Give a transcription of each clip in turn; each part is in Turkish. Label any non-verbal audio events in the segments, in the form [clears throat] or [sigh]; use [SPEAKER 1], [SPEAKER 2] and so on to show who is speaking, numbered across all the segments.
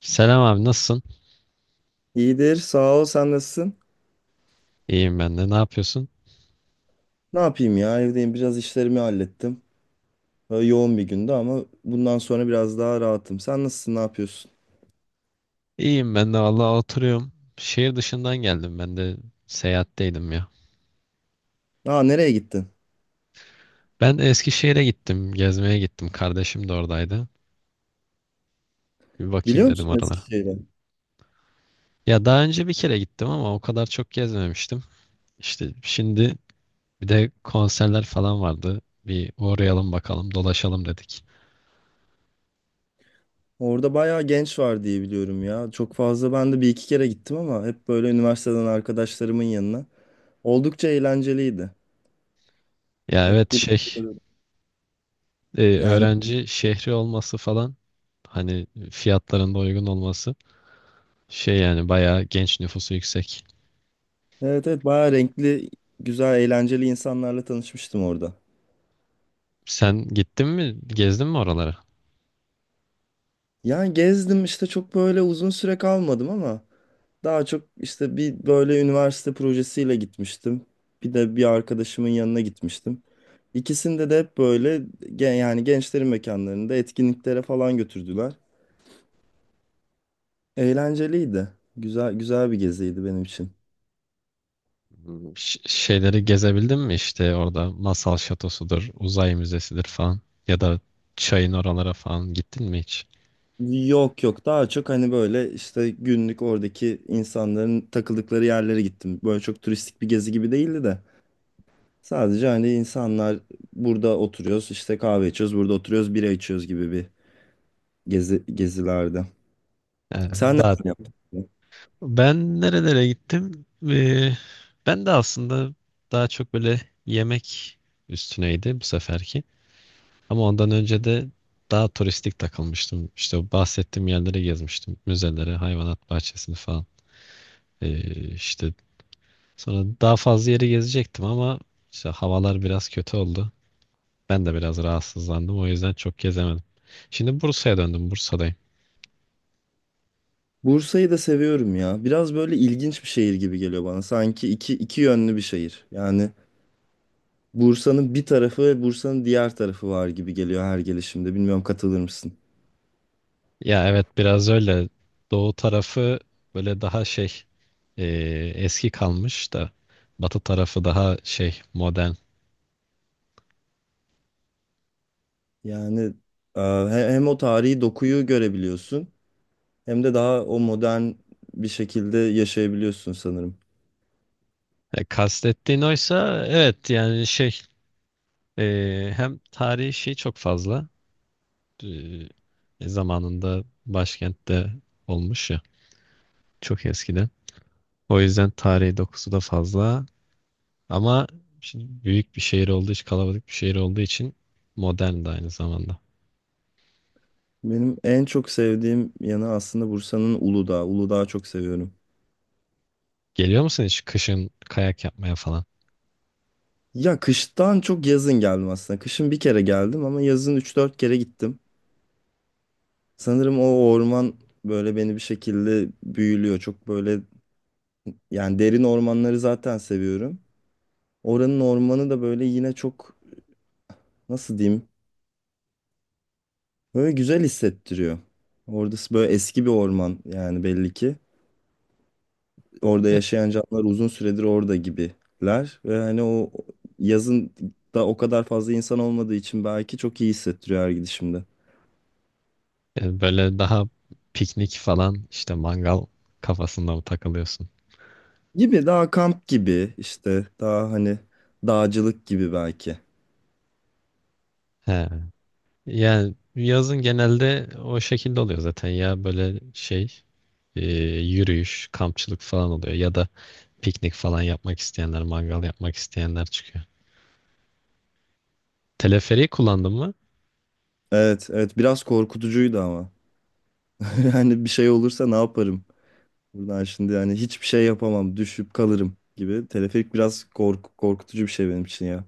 [SPEAKER 1] Selam abi, nasılsın?
[SPEAKER 2] İyidir, sağ ol. Sen nasılsın?
[SPEAKER 1] İyiyim ben de. Ne yapıyorsun?
[SPEAKER 2] Ne yapayım ya? Evdeyim. Biraz işlerimi hallettim. Böyle yoğun bir gündü ama bundan sonra biraz daha rahatım. Sen nasılsın? Ne yapıyorsun?
[SPEAKER 1] İyiyim ben de, vallahi oturuyorum. Şehir dışından geldim. Ben de seyahatteydim ya.
[SPEAKER 2] Aa, nereye gittin?
[SPEAKER 1] Ben de Eskişehir'e gittim. Gezmeye gittim. Kardeşim de oradaydı. Bir bakayım
[SPEAKER 2] Biliyor
[SPEAKER 1] dedim
[SPEAKER 2] musun
[SPEAKER 1] oralara.
[SPEAKER 2] Eskişehir'e?
[SPEAKER 1] Ya daha önce bir kere gittim ama o kadar çok gezmemiştim. İşte şimdi bir de konserler falan vardı. Bir uğrayalım bakalım, dolaşalım dedik.
[SPEAKER 2] Orada bayağı genç var diye biliyorum ya. Çok fazla ben de bir iki kere gittim ama hep böyle üniversiteden arkadaşlarımın yanına. Oldukça eğlenceliydi.
[SPEAKER 1] Ya
[SPEAKER 2] Hep
[SPEAKER 1] evet,
[SPEAKER 2] bir böyle- yani
[SPEAKER 1] öğrenci şehri olması falan, hani fiyatların da uygun olması, şey yani bayağı genç nüfusu yüksek.
[SPEAKER 2] evet, evet bayağı renkli, güzel, eğlenceli insanlarla tanışmıştım orada.
[SPEAKER 1] Sen gittin mi? Gezdin mi oraları?
[SPEAKER 2] Yani gezdim işte çok böyle uzun süre kalmadım ama daha çok işte bir böyle üniversite projesiyle gitmiştim. Bir de bir arkadaşımın yanına gitmiştim. İkisinde de hep böyle yani gençlerin mekanlarında etkinliklere falan götürdüler. Eğlenceliydi. Güzel güzel bir geziydi benim için.
[SPEAKER 1] Hmm, şeyleri gezebildin mi işte orada? Masal şatosudur, uzay müzesidir falan, ya da çayın oralara falan gittin mi hiç?
[SPEAKER 2] Yok yok, daha çok hani böyle işte günlük oradaki insanların takıldıkları yerlere gittim. Böyle çok turistik bir gezi gibi değildi de. Sadece hani insanlar burada oturuyoruz işte kahve içiyoruz, burada oturuyoruz bira içiyoruz gibi bir gezi gezilerde. Sen
[SPEAKER 1] Yani daha
[SPEAKER 2] neler yaptın?
[SPEAKER 1] ben nerelere gittim? Ee, ben de aslında daha çok böyle yemek üstüneydi bu seferki. Ama ondan önce de daha turistik takılmıştım. İşte o bahsettiğim yerleri gezmiştim. Müzeleri, hayvanat bahçesini falan. İşte sonra daha fazla yeri gezecektim ama işte havalar biraz kötü oldu. Ben de biraz rahatsızlandım. O yüzden çok gezemedim. Şimdi Bursa'ya döndüm. Bursa'dayım.
[SPEAKER 2] Bursa'yı da seviyorum ya. Biraz böyle ilginç bir şehir gibi geliyor bana. Sanki iki, iki yönlü bir şehir. Yani Bursa'nın bir tarafı ve Bursa'nın diğer tarafı var gibi geliyor her gelişimde. Bilmiyorum, katılır mısın?
[SPEAKER 1] Ya evet, biraz öyle. Doğu tarafı böyle daha e, eski kalmış da batı tarafı daha şey, modern.
[SPEAKER 2] Yani hem o tarihi dokuyu görebiliyorsun hem de daha o modern bir şekilde yaşayabiliyorsun sanırım.
[SPEAKER 1] E, kastettiğin oysa evet, yani e, hem tarihi şey çok fazla. E, zamanında başkentte olmuş ya, çok eskiden. O yüzden tarihi dokusu da fazla. Ama şimdi büyük bir şehir olduğu için, kalabalık bir şehir olduğu için modern de aynı zamanda.
[SPEAKER 2] Benim en çok sevdiğim yanı aslında Bursa'nın Uludağ. Uludağ'ı çok seviyorum.
[SPEAKER 1] Geliyor musun hiç kışın kayak yapmaya falan?
[SPEAKER 2] Ya kıştan çok yazın geldim aslında. Kışın bir kere geldim ama yazın üç dört kere gittim. Sanırım o orman böyle beni bir şekilde büyülüyor. Çok böyle yani derin ormanları zaten seviyorum. Oranın ormanı da böyle yine çok, nasıl diyeyim, böyle güzel hissettiriyor. Orada böyle eski bir orman yani belli ki. Orada
[SPEAKER 1] E,
[SPEAKER 2] yaşayan canlılar uzun süredir orada gibiler. Ve hani o yazın da o kadar fazla insan olmadığı için belki çok iyi hissettiriyor her gidişimde.
[SPEAKER 1] Böyle daha piknik falan, işte mangal kafasında mı takılıyorsun?
[SPEAKER 2] Gibi daha kamp gibi işte, daha hani dağcılık gibi belki.
[SPEAKER 1] He. Yani yazın genelde o şekilde oluyor zaten ya, böyle e, yürüyüş, kampçılık falan oluyor ya da piknik falan yapmak isteyenler, mangal yapmak isteyenler çıkıyor. Teleferiği kullandın mı?
[SPEAKER 2] Evet, evet biraz korkutucuydu ama. [laughs] Yani bir şey olursa ne yaparım? Buradan şimdi yani hiçbir şey yapamam, düşüp kalırım gibi. Teleferik biraz korku, korkutucu bir şey benim için ya.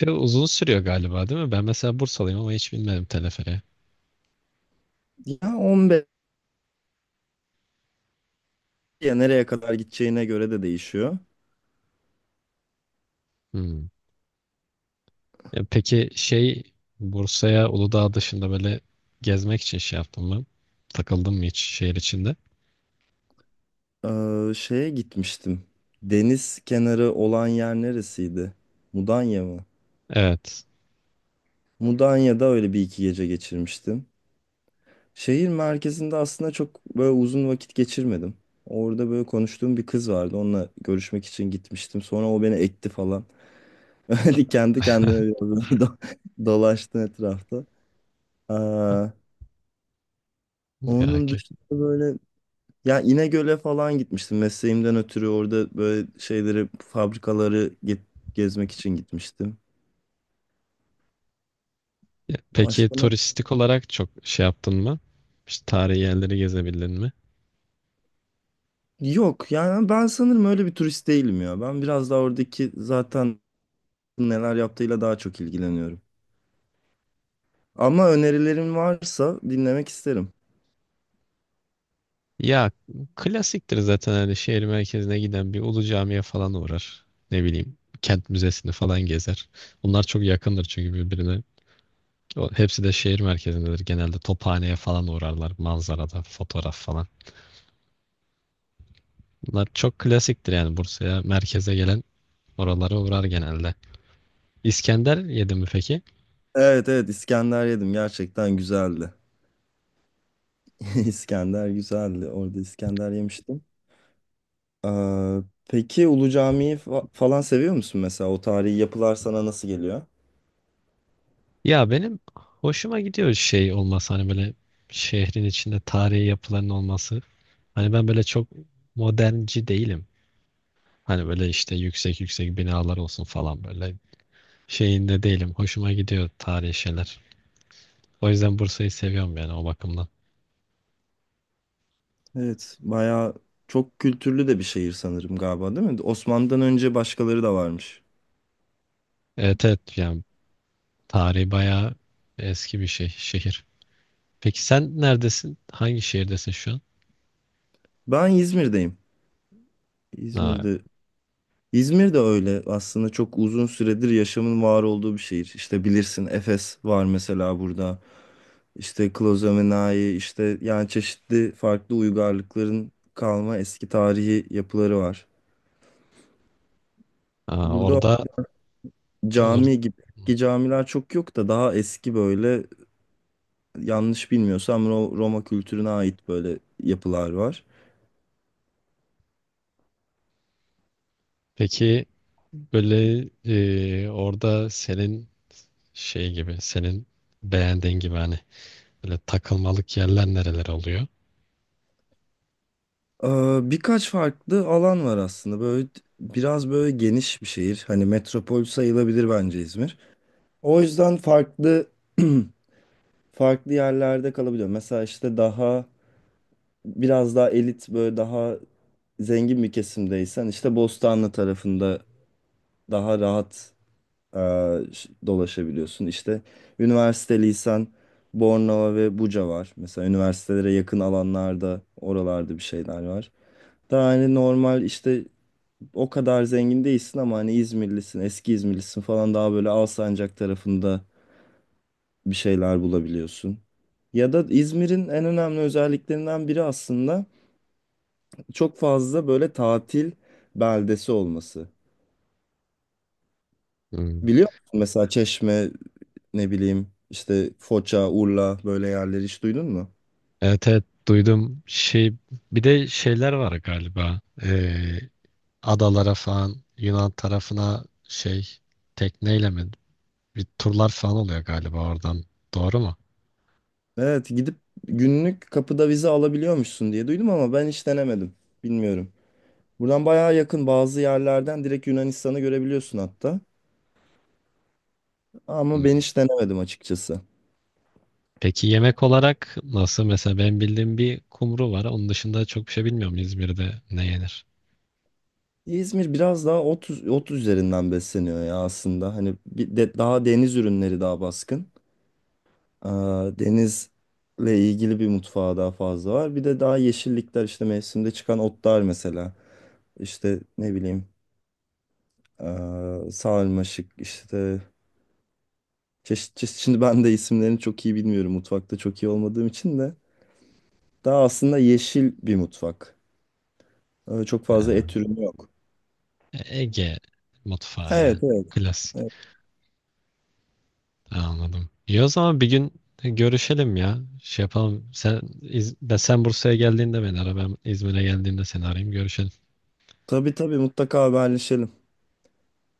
[SPEAKER 1] Bir de uzun sürüyor galiba, değil mi? Ben mesela Bursalıyım ama hiç bilmedim teleferiği.
[SPEAKER 2] Ya 15, ya nereye kadar gideceğine göre de değişiyor.
[SPEAKER 1] Hmm. Ya peki şey, Bursa'ya Uludağ dışında böyle gezmek için şey yaptın mı? Takıldın mı hiç şehir içinde?
[SPEAKER 2] Şeye gitmiştim. Deniz kenarı olan yer neresiydi? Mudanya mı?
[SPEAKER 1] Evet.
[SPEAKER 2] Mudanya'da öyle bir iki gece geçirmiştim. Şehir merkezinde aslında çok böyle uzun vakit geçirmedim. Orada böyle konuştuğum bir kız vardı. Onunla görüşmek için gitmiştim. Sonra o beni ekti falan. [laughs] Hani kendi kendine biraz
[SPEAKER 1] [laughs]
[SPEAKER 2] böyle dolaştı etrafta. Aa,
[SPEAKER 1] Ya
[SPEAKER 2] onun
[SPEAKER 1] ki.
[SPEAKER 2] dışında böyle ya İnegöl'e falan gitmiştim. Mesleğimden ötürü orada böyle şeyleri, fabrikaları gezmek için gitmiştim.
[SPEAKER 1] Ya peki,
[SPEAKER 2] Başka ne?
[SPEAKER 1] turistik olarak çok şey yaptın mı? İşte tarihi yerleri gezebildin mi?
[SPEAKER 2] Yok, yani ben sanırım öyle bir turist değilim ya. Ben biraz daha oradaki zaten neler yaptığıyla daha çok ilgileniyorum. Ama önerilerin varsa dinlemek isterim.
[SPEAKER 1] Ya klasiktir zaten, hani şehir merkezine giden bir Ulu Cami'ye falan uğrar. Ne bileyim, kent müzesini falan gezer. Bunlar çok yakındır çünkü birbirine. Hepsi de şehir merkezindedir. Genelde Tophane'ye falan uğrarlar. Manzarada fotoğraf falan. Bunlar çok klasiktir yani. Bursa'ya, merkeze gelen oralara uğrar genelde. İskender yedin mi peki?
[SPEAKER 2] Evet, evet İskender yedim, gerçekten güzeldi. [laughs] İskender güzeldi. Orada İskender yemiştim. Ee, peki Ulu Cami'yi falan seviyor musun mesela? O tarihi yapılar sana nasıl geliyor?
[SPEAKER 1] Ya benim hoşuma gidiyor şey olması, hani böyle şehrin içinde tarihi yapıların olması. Hani ben böyle çok modernci değilim. Hani böyle işte yüksek yüksek binalar olsun falan, böyle şeyinde değilim. Hoşuma gidiyor tarihi şeyler. O yüzden Bursa'yı seviyorum yani, o bakımdan.
[SPEAKER 2] Evet, bayağı çok kültürlü de bir şehir sanırım galiba, değil mi? Osmanlı'dan önce başkaları da varmış.
[SPEAKER 1] Evet evet, yani tarihi bayağı eski bir şey, şehir. Peki sen neredesin? Hangi şehirdesin şu an?
[SPEAKER 2] Ben İzmir'deyim.
[SPEAKER 1] Aa.
[SPEAKER 2] İzmir'de İzmir de öyle aslında çok uzun süredir yaşamın var olduğu bir şehir. İşte bilirsin Efes var mesela burada. İşte Klozomenai, işte yani çeşitli farklı uygarlıkların kalma eski tarihi yapıları var.
[SPEAKER 1] Aa,
[SPEAKER 2] Burada
[SPEAKER 1] orada or-
[SPEAKER 2] cami gibi eski camiler çok yok da, daha eski böyle, yanlış bilmiyorsam Roma kültürüne ait böyle yapılar var.
[SPEAKER 1] peki böyle orada senin şey gibi, senin beğendiğin gibi, hani böyle takılmalık yerler nereler oluyor?
[SPEAKER 2] Ee, birkaç farklı alan var aslında. Böyle biraz böyle geniş bir şehir. Hani metropol sayılabilir bence İzmir. O yüzden farklı [clears throat] farklı yerlerde kalabiliyor. Mesela işte daha biraz daha elit, böyle daha zengin bir kesimdeysen işte Bostanlı tarafında daha rahat e, dolaşabiliyorsun. İşte üniversite, lisan, Bornova ve Buca var. Mesela üniversitelere yakın alanlarda, oralarda bir şeyler var. Daha hani normal işte o kadar zengin değilsin ama hani İzmirlisin, eski İzmirlisin falan, daha böyle Alsancak tarafında bir şeyler bulabiliyorsun. Ya da İzmir'in en önemli özelliklerinden biri aslında çok fazla böyle tatil beldesi olması.
[SPEAKER 1] Hmm.
[SPEAKER 2] Biliyor musun mesela Çeşme, ne bileyim işte Foça, Urla böyle yerleri hiç duydun mu?
[SPEAKER 1] Evet evet duydum, şey, bir de şeyler var galiba. Adalara falan, Yunan tarafına şey, tekneyle mi bir turlar falan oluyor galiba oradan, doğru mu?
[SPEAKER 2] Evet, gidip günlük kapıda vize alabiliyormuşsun diye duydum ama ben hiç denemedim. Bilmiyorum. Buradan bayağı yakın bazı yerlerden direkt Yunanistan'ı görebiliyorsun hatta. Ama ben hiç denemedim açıkçası.
[SPEAKER 1] Peki yemek olarak nasıl? Mesela ben bildiğim bir kumru var. Onun dışında çok bir şey bilmiyorum İzmir'de ne yenir.
[SPEAKER 2] İzmir biraz daha ot, ot üzerinden besleniyor ya aslında. Hani bir de daha deniz ürünleri daha baskın. Aa, denizle ilgili bir mutfağı daha fazla var. Bir de daha yeşillikler işte, mevsimde çıkan otlar mesela. İşte ne bileyim, sarmaşık işte çeşit çeşit. Şimdi ben de isimlerini çok iyi bilmiyorum, mutfakta çok iyi olmadığım için de. Daha aslında yeşil bir mutfak. Çok fazla
[SPEAKER 1] Ha,
[SPEAKER 2] et ürünü yok.
[SPEAKER 1] Ege mutfağı
[SPEAKER 2] Evet,
[SPEAKER 1] ya.
[SPEAKER 2] evet.
[SPEAKER 1] Klasik.
[SPEAKER 2] Evet.
[SPEAKER 1] Anladım. İyi, o zaman bir gün görüşelim ya. Şey yapalım. Ben sen Bursa'ya geldiğinde beni ara. Ben İzmir'e geldiğinde seni arayayım. Görüşelim.
[SPEAKER 2] Tabii, tabii mutlaka haberleşelim.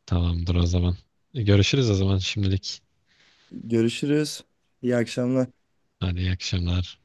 [SPEAKER 1] Tamamdır o zaman. Görüşürüz o zaman, şimdilik.
[SPEAKER 2] Görüşürüz. İyi akşamlar.
[SPEAKER 1] Hadi, iyi akşamlar.